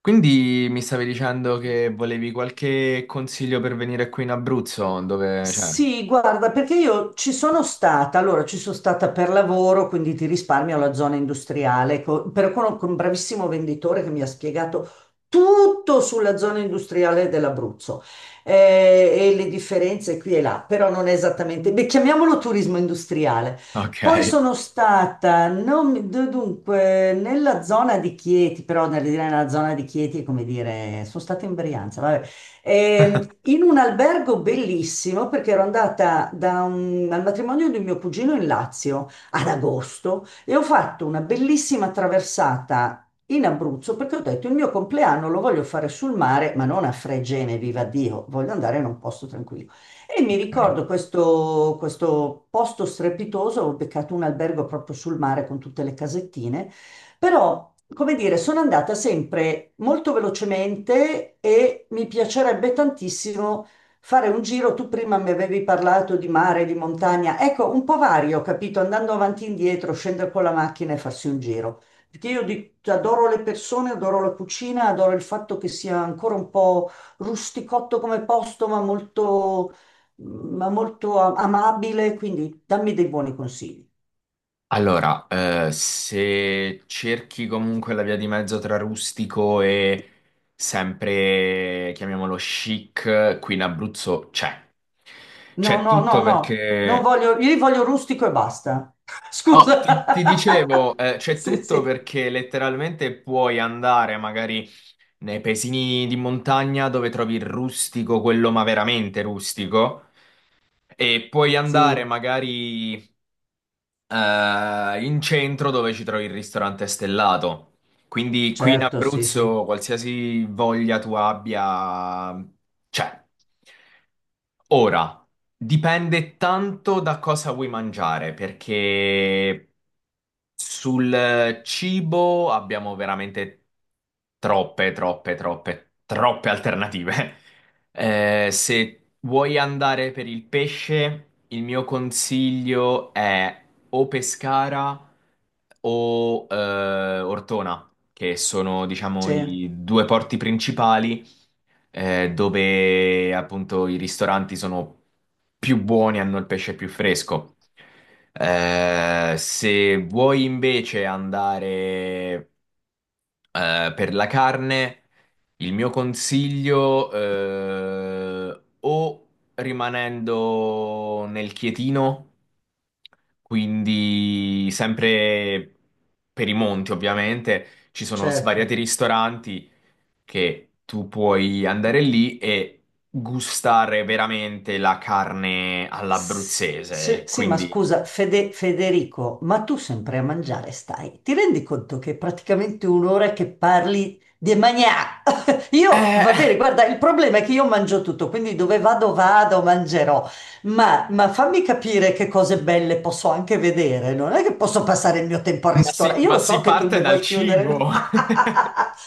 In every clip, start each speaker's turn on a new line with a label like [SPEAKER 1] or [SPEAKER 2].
[SPEAKER 1] Quindi mi stavi dicendo che volevi qualche consiglio per venire qui in Abruzzo, dove cioè,
[SPEAKER 2] Sì, guarda, perché io ci sono stata, allora ci sono stata per lavoro, quindi ti risparmio la zona industriale, però con un bravissimo venditore che mi ha spiegato tutto sulla zona industriale dell'Abruzzo, e le differenze qui e là, però non è esattamente, beh, chiamiamolo turismo industriale.
[SPEAKER 1] ok.
[SPEAKER 2] Poi sono stata, non mi- d- dunque, nella zona di Chieti, però nella zona di Chieti è come dire, sono stata in Brianza, vabbè. In un albergo bellissimo perché ero andata al matrimonio di mio cugino in Lazio ad agosto e ho fatto una bellissima traversata in Abruzzo perché ho detto il mio compleanno lo voglio fare sul mare, ma non a Fregene, viva Dio, voglio andare in un posto tranquillo. E mi
[SPEAKER 1] Ok.
[SPEAKER 2] ricordo questo posto strepitoso, ho beccato un albergo proprio sul mare con tutte le casettine però, come dire, sono andata sempre molto velocemente e mi piacerebbe tantissimo fare un giro. Tu prima mi avevi parlato di mare, di montagna. Ecco, un po' vario, capito? Andando avanti e indietro, scendere con la macchina e farsi un giro. Perché io adoro le persone, adoro la cucina, adoro il fatto che sia ancora un po' rusticotto come posto, ma molto amabile. Quindi dammi dei buoni consigli.
[SPEAKER 1] Allora, se cerchi comunque la via di mezzo tra rustico e sempre, chiamiamolo chic, qui in Abruzzo c'è.
[SPEAKER 2] No,
[SPEAKER 1] C'è
[SPEAKER 2] no, no,
[SPEAKER 1] tutto
[SPEAKER 2] no, non
[SPEAKER 1] perché...
[SPEAKER 2] voglio, io li voglio rustico e basta.
[SPEAKER 1] Oh,
[SPEAKER 2] Scusa.
[SPEAKER 1] ti dicevo, c'è
[SPEAKER 2] Sì,
[SPEAKER 1] tutto
[SPEAKER 2] sì.
[SPEAKER 1] perché letteralmente puoi andare magari nei paesini di montagna dove trovi il rustico, quello ma veramente rustico, e puoi andare
[SPEAKER 2] Sì,
[SPEAKER 1] magari in centro dove ci trovi il ristorante stellato. Quindi qui in
[SPEAKER 2] certo, sì, sì,
[SPEAKER 1] Abruzzo, qualsiasi voglia tu abbia, c'è. Ora, dipende tanto da cosa vuoi mangiare, perché sul cibo abbiamo veramente troppe, troppe, troppe, troppe alternative. Se vuoi andare per il pesce, il mio consiglio è o Pescara o Ortona, che sono, diciamo,
[SPEAKER 2] sì,
[SPEAKER 1] i due porti principali, dove appunto i ristoranti sono più buoni, hanno il pesce più fresco. Se vuoi invece andare, per la carne, il mio consiglio, o rimanendo nel Chietino, quindi sempre per i monti ovviamente, ci sono
[SPEAKER 2] certo.
[SPEAKER 1] svariati ristoranti che tu puoi andare lì e gustare veramente la carne
[SPEAKER 2] Sì,
[SPEAKER 1] all'abruzzese.
[SPEAKER 2] sì, ma
[SPEAKER 1] Quindi,
[SPEAKER 2] scusa, Federico, ma tu sempre a mangiare stai? Ti rendi conto che è praticamente un'ora che parli di magnà? Io, va bene,
[SPEAKER 1] eh,
[SPEAKER 2] guarda, il problema è che io mangio tutto, quindi dove vado, vado, mangerò. Ma fammi capire che cose belle posso anche vedere. Non è che posso passare il mio tempo al ristorante. Io
[SPEAKER 1] ma
[SPEAKER 2] lo so
[SPEAKER 1] si
[SPEAKER 2] che tu
[SPEAKER 1] parte
[SPEAKER 2] mi
[SPEAKER 1] dal
[SPEAKER 2] vuoi chiudere.
[SPEAKER 1] cibo.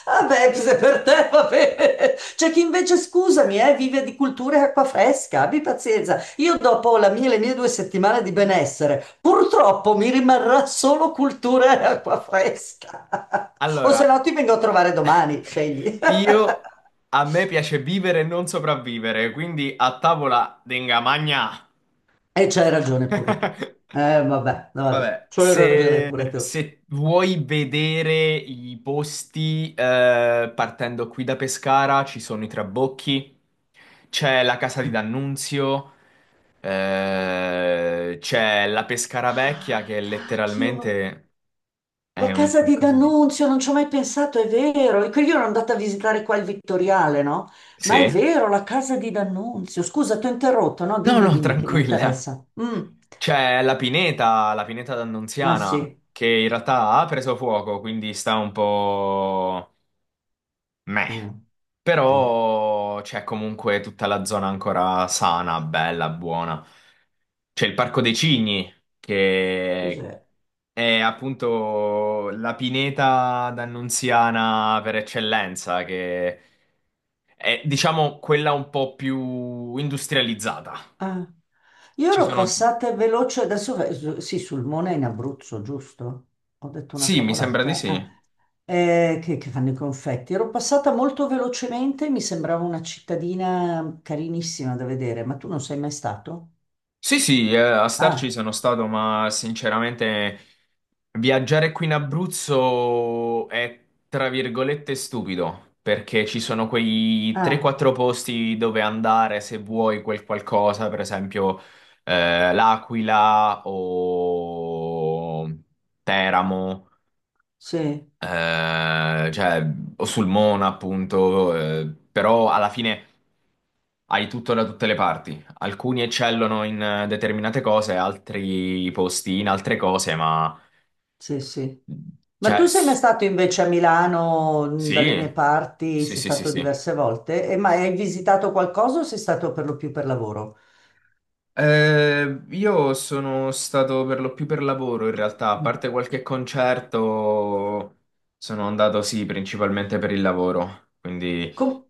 [SPEAKER 2] Vabbè, se per te va bene. C'è chi invece, scusami, vive di cultura e acqua fresca. Abbi pazienza. Io dopo le mie 2 settimane di benessere, purtroppo mi rimarrà solo cultura e acqua fresca. O se no
[SPEAKER 1] Allora,
[SPEAKER 2] ti vengo a trovare domani, scegli.
[SPEAKER 1] io a me piace vivere e non sopravvivere, quindi a tavola denga magna.
[SPEAKER 2] E c'hai ragione pure tu. Vabbè, vabbè,
[SPEAKER 1] Vabbè,
[SPEAKER 2] c'hai ragione pure
[SPEAKER 1] Se,
[SPEAKER 2] tu.
[SPEAKER 1] se vuoi vedere i posti, partendo qui da Pescara, ci sono i Trabocchi, c'è la Casa di D'Annunzio, c'è la Pescara Vecchia che
[SPEAKER 2] Ah, cacchio.
[SPEAKER 1] letteralmente
[SPEAKER 2] La
[SPEAKER 1] è un
[SPEAKER 2] casa di
[SPEAKER 1] qualcosa di...
[SPEAKER 2] D'Annunzio, non ci ho mai pensato, è vero. E quindi io ero andata a visitare qua il Vittoriale, no? Ma è
[SPEAKER 1] Sì?
[SPEAKER 2] vero, la casa di D'Annunzio. Scusa, ti ho interrotto, no?
[SPEAKER 1] No,
[SPEAKER 2] Dimmi,
[SPEAKER 1] no,
[SPEAKER 2] dimmi, che mi
[SPEAKER 1] tranquilla.
[SPEAKER 2] interessa. Mm.
[SPEAKER 1] C'è la Pineta
[SPEAKER 2] Ah,
[SPEAKER 1] d'Annunziana,
[SPEAKER 2] sì.
[SPEAKER 1] che in realtà ha preso fuoco, quindi sta un po'... meh.
[SPEAKER 2] Mm, sì.
[SPEAKER 1] Però c'è comunque tutta la zona ancora sana, bella, buona. C'è il Parco dei Cigni, che
[SPEAKER 2] Cos'è?
[SPEAKER 1] è appunto la pineta d'Annunziana per eccellenza, che è, diciamo, quella un po' più industrializzata.
[SPEAKER 2] Ah, io
[SPEAKER 1] Ci
[SPEAKER 2] ero
[SPEAKER 1] sono...
[SPEAKER 2] passata veloce, adesso sì, sul Mona in Abruzzo, giusto? Ho detto una
[SPEAKER 1] Sì, mi sembra di
[SPEAKER 2] cavolata. Ah,
[SPEAKER 1] sì.
[SPEAKER 2] che fanno i confetti. Ero passata molto velocemente, mi sembrava una cittadina carinissima da vedere, ma tu non sei mai stato?
[SPEAKER 1] Sì, sì, a starci
[SPEAKER 2] Ah,
[SPEAKER 1] sono stato, ma sinceramente viaggiare qui in Abruzzo è tra virgolette stupido, perché ci sono quei
[SPEAKER 2] ah,
[SPEAKER 1] 3-4 posti dove andare se vuoi quel qualcosa, per esempio L'Aquila o Teramo,
[SPEAKER 2] sì,
[SPEAKER 1] cioè, o sul Mona, appunto, però alla fine hai tutto da tutte le parti. Alcuni eccellono in determinate cose, altri posti in altre cose, ma
[SPEAKER 2] sì, sì. Ma
[SPEAKER 1] cioè,
[SPEAKER 2] tu sei mai stato invece a Milano, dalle mie
[SPEAKER 1] sì,
[SPEAKER 2] parti,
[SPEAKER 1] sì,
[SPEAKER 2] sei
[SPEAKER 1] sì, sì,
[SPEAKER 2] stato
[SPEAKER 1] sì.
[SPEAKER 2] diverse volte, e ma hai visitato qualcosa o sei stato per lo più per lavoro?
[SPEAKER 1] Io sono stato per lo più per lavoro in realtà, a parte qualche concerto, sono andato sì, principalmente per il lavoro, quindi...
[SPEAKER 2] Com-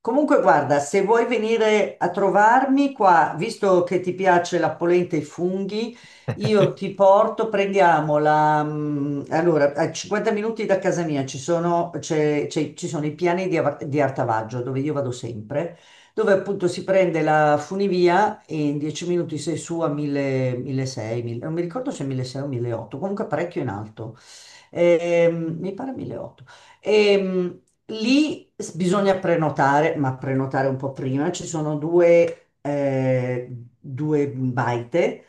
[SPEAKER 2] Comunque, guarda, se vuoi venire a trovarmi qua, visto che ti piace la polenta e i funghi, io
[SPEAKER 1] Ok.
[SPEAKER 2] ti porto, allora, a 50 minuti da casa mia ci sono i piani di Artavaggio, dove io vado sempre, dove appunto si prende la funivia e in 10 minuti sei su a 1000, 1600, 1000 non mi ricordo se 1600 o 1800, comunque parecchio in alto. Mi pare 1800. Ehm, Lì bisogna prenotare, ma prenotare un po' prima. Ci sono due baite.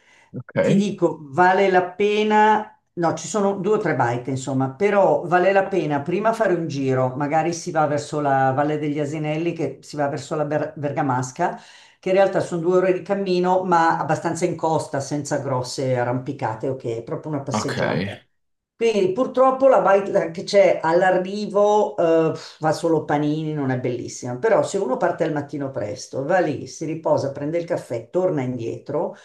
[SPEAKER 2] Ti
[SPEAKER 1] Ok.
[SPEAKER 2] dico, vale la pena. No, ci sono due o tre baite, insomma, però vale la pena prima fare un giro, magari si va verso la Valle degli Asinelli, che si va verso la Bergamasca, che in realtà sono 2 ore di cammino, ma abbastanza in costa, senza grosse arrampicate, ok, è proprio una
[SPEAKER 1] Ok.
[SPEAKER 2] passeggiata. Quindi purtroppo la baita che c'è all'arrivo, fa solo panini, non è bellissima. Però se uno parte al mattino presto, va lì, si riposa, prende il caffè, torna indietro,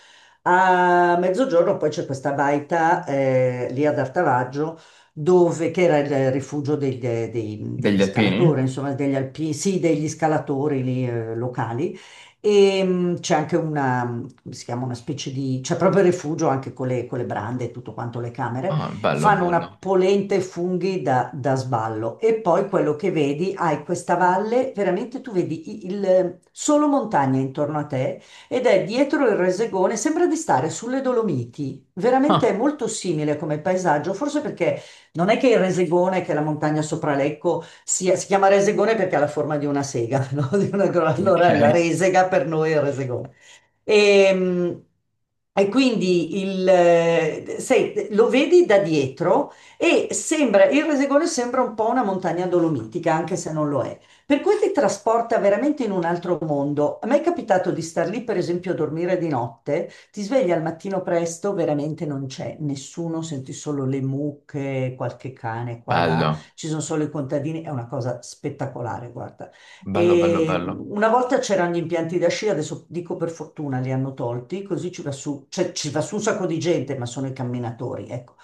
[SPEAKER 2] a mezzogiorno poi c'è questa baita lì ad Artavaggio, che era il rifugio degli
[SPEAKER 1] Degli alpini?
[SPEAKER 2] scalatori, insomma degli alpini, sì, degli scalatori lì, locali. E c'è anche una, come si chiama, una specie di, c'è proprio il rifugio anche con le, brande e tutto quanto, le camere.
[SPEAKER 1] Ah, bello,
[SPEAKER 2] Fanno una
[SPEAKER 1] bello.
[SPEAKER 2] polenta e funghi da sballo. E poi quello che vedi, hai questa valle, veramente tu vedi solo montagne intorno a te ed è dietro il Resegone, sembra di stare sulle Dolomiti, veramente è
[SPEAKER 1] Ah,
[SPEAKER 2] molto simile come paesaggio, forse perché non è che il Resegone, che è la montagna sopra Lecco, si chiama Resegone perché ha la forma di una sega, no?
[SPEAKER 1] ok.
[SPEAKER 2] Allora la resega per noi è il Resegone. E, e quindi sai, lo vedi da dietro e sembra, il Resegone sembra un po' una montagna dolomitica, anche se non lo è. Per cui ti trasporta veramente in un altro mondo. A me è capitato di star lì, per esempio, a dormire di notte, ti svegli al mattino presto, veramente non c'è nessuno, senti solo le mucche, qualche cane qua e là,
[SPEAKER 1] Bello,
[SPEAKER 2] ci sono solo i contadini, è una cosa spettacolare, guarda.
[SPEAKER 1] bello, bello,
[SPEAKER 2] E
[SPEAKER 1] bello.
[SPEAKER 2] una volta c'erano gli impianti da sci, adesso dico per fortuna li hanno tolti, così ci va su, cioè, ci va su un sacco di gente, ma sono i camminatori, ecco,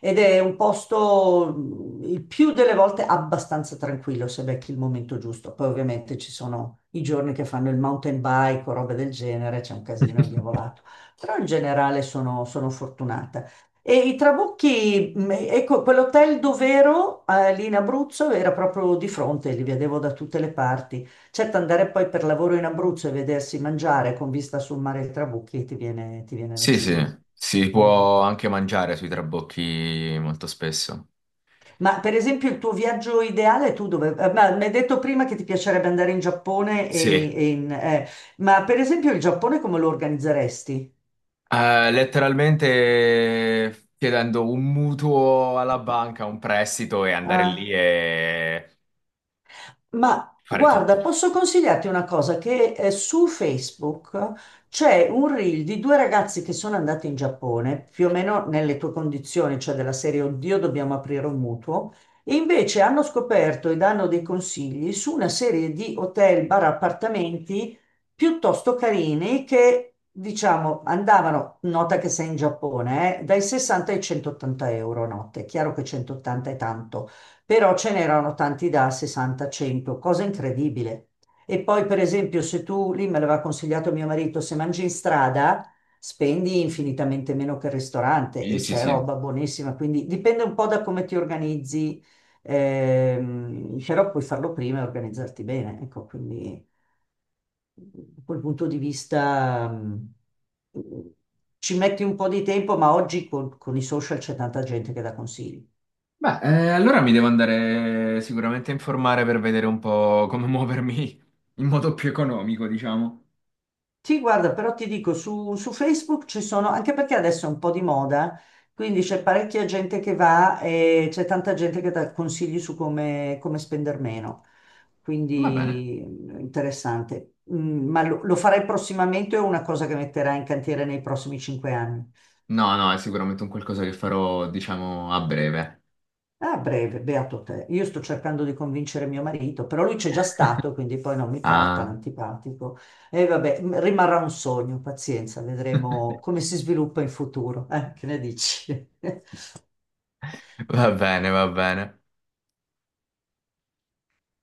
[SPEAKER 2] ed è un posto il più delle volte abbastanza tranquillo se becchi il momento giusto. Poi ovviamente ci sono i giorni che fanno il mountain bike o robe del genere, c'è un casino indiavolato, però in generale sono fortunata. E i Trabucchi, ecco, quell'hotel dov'ero, lì in Abruzzo, era proprio di fronte, li vedevo da tutte le parti. Certo, andare poi per lavoro in Abruzzo e vedersi mangiare con vista sul mare dei Trabucchi ti viene
[SPEAKER 1] Sì, sì,
[SPEAKER 2] l'accidente.
[SPEAKER 1] si può
[SPEAKER 2] Esatto.
[SPEAKER 1] anche mangiare sui trabocchi molto spesso.
[SPEAKER 2] Ma per esempio il tuo viaggio ideale, ma mi hai detto prima che ti piacerebbe andare in Giappone
[SPEAKER 1] Sì,
[SPEAKER 2] ma per esempio il Giappone come lo organizzeresti?
[SPEAKER 1] Letteralmente chiedendo un mutuo alla banca, un prestito e andare lì e
[SPEAKER 2] Ma
[SPEAKER 1] fare tutto.
[SPEAKER 2] guarda, posso consigliarti una cosa, che su Facebook c'è un reel di due ragazzi che sono andati in Giappone, più o meno nelle tue condizioni, cioè della serie Oddio, dobbiamo aprire un mutuo, e invece hanno scoperto e danno dei consigli su una serie di hotel, bar, appartamenti piuttosto carini che, diciamo, andavano, nota che sei in Giappone, dai 60 ai 180 euro a notte. È chiaro che 180 è tanto, però ce n'erano tanti da 60-100, cosa incredibile. E poi, per esempio, se tu, lì me l'aveva consigliato mio marito, se mangi in strada, spendi infinitamente meno che il ristorante
[SPEAKER 1] Sì,
[SPEAKER 2] e
[SPEAKER 1] sì,
[SPEAKER 2] c'è
[SPEAKER 1] sì.
[SPEAKER 2] roba buonissima, quindi dipende un po' da come ti organizzi, però puoi farlo prima e organizzarti bene, ecco, quindi da quel punto di vista... Ci metti un po' di tempo, ma oggi con, i social c'è tanta gente che dà consigli.
[SPEAKER 1] Beh, allora mi devo andare sicuramente a informare per vedere un po' come muovermi in modo più economico, diciamo.
[SPEAKER 2] Sì, guarda, però ti dico, su, Facebook ci sono, anche perché adesso è un po' di moda, quindi c'è parecchia gente che va e c'è tanta gente che dà consigli su come, spendere meno.
[SPEAKER 1] Va bene.
[SPEAKER 2] Quindi interessante. Ma lo, farai prossimamente o è una cosa che metterai in cantiere nei prossimi 5 anni?
[SPEAKER 1] No, no, è sicuramente un qualcosa che farò, diciamo, a breve.
[SPEAKER 2] Ah, breve, beato te. Io sto cercando di convincere mio marito, però lui c'è già stato, quindi poi non mi porta
[SPEAKER 1] Ah,
[SPEAKER 2] l'antipatico. E vabbè, rimarrà un sogno, pazienza, vedremo come si sviluppa in futuro. Che ne dici?
[SPEAKER 1] va bene, va bene.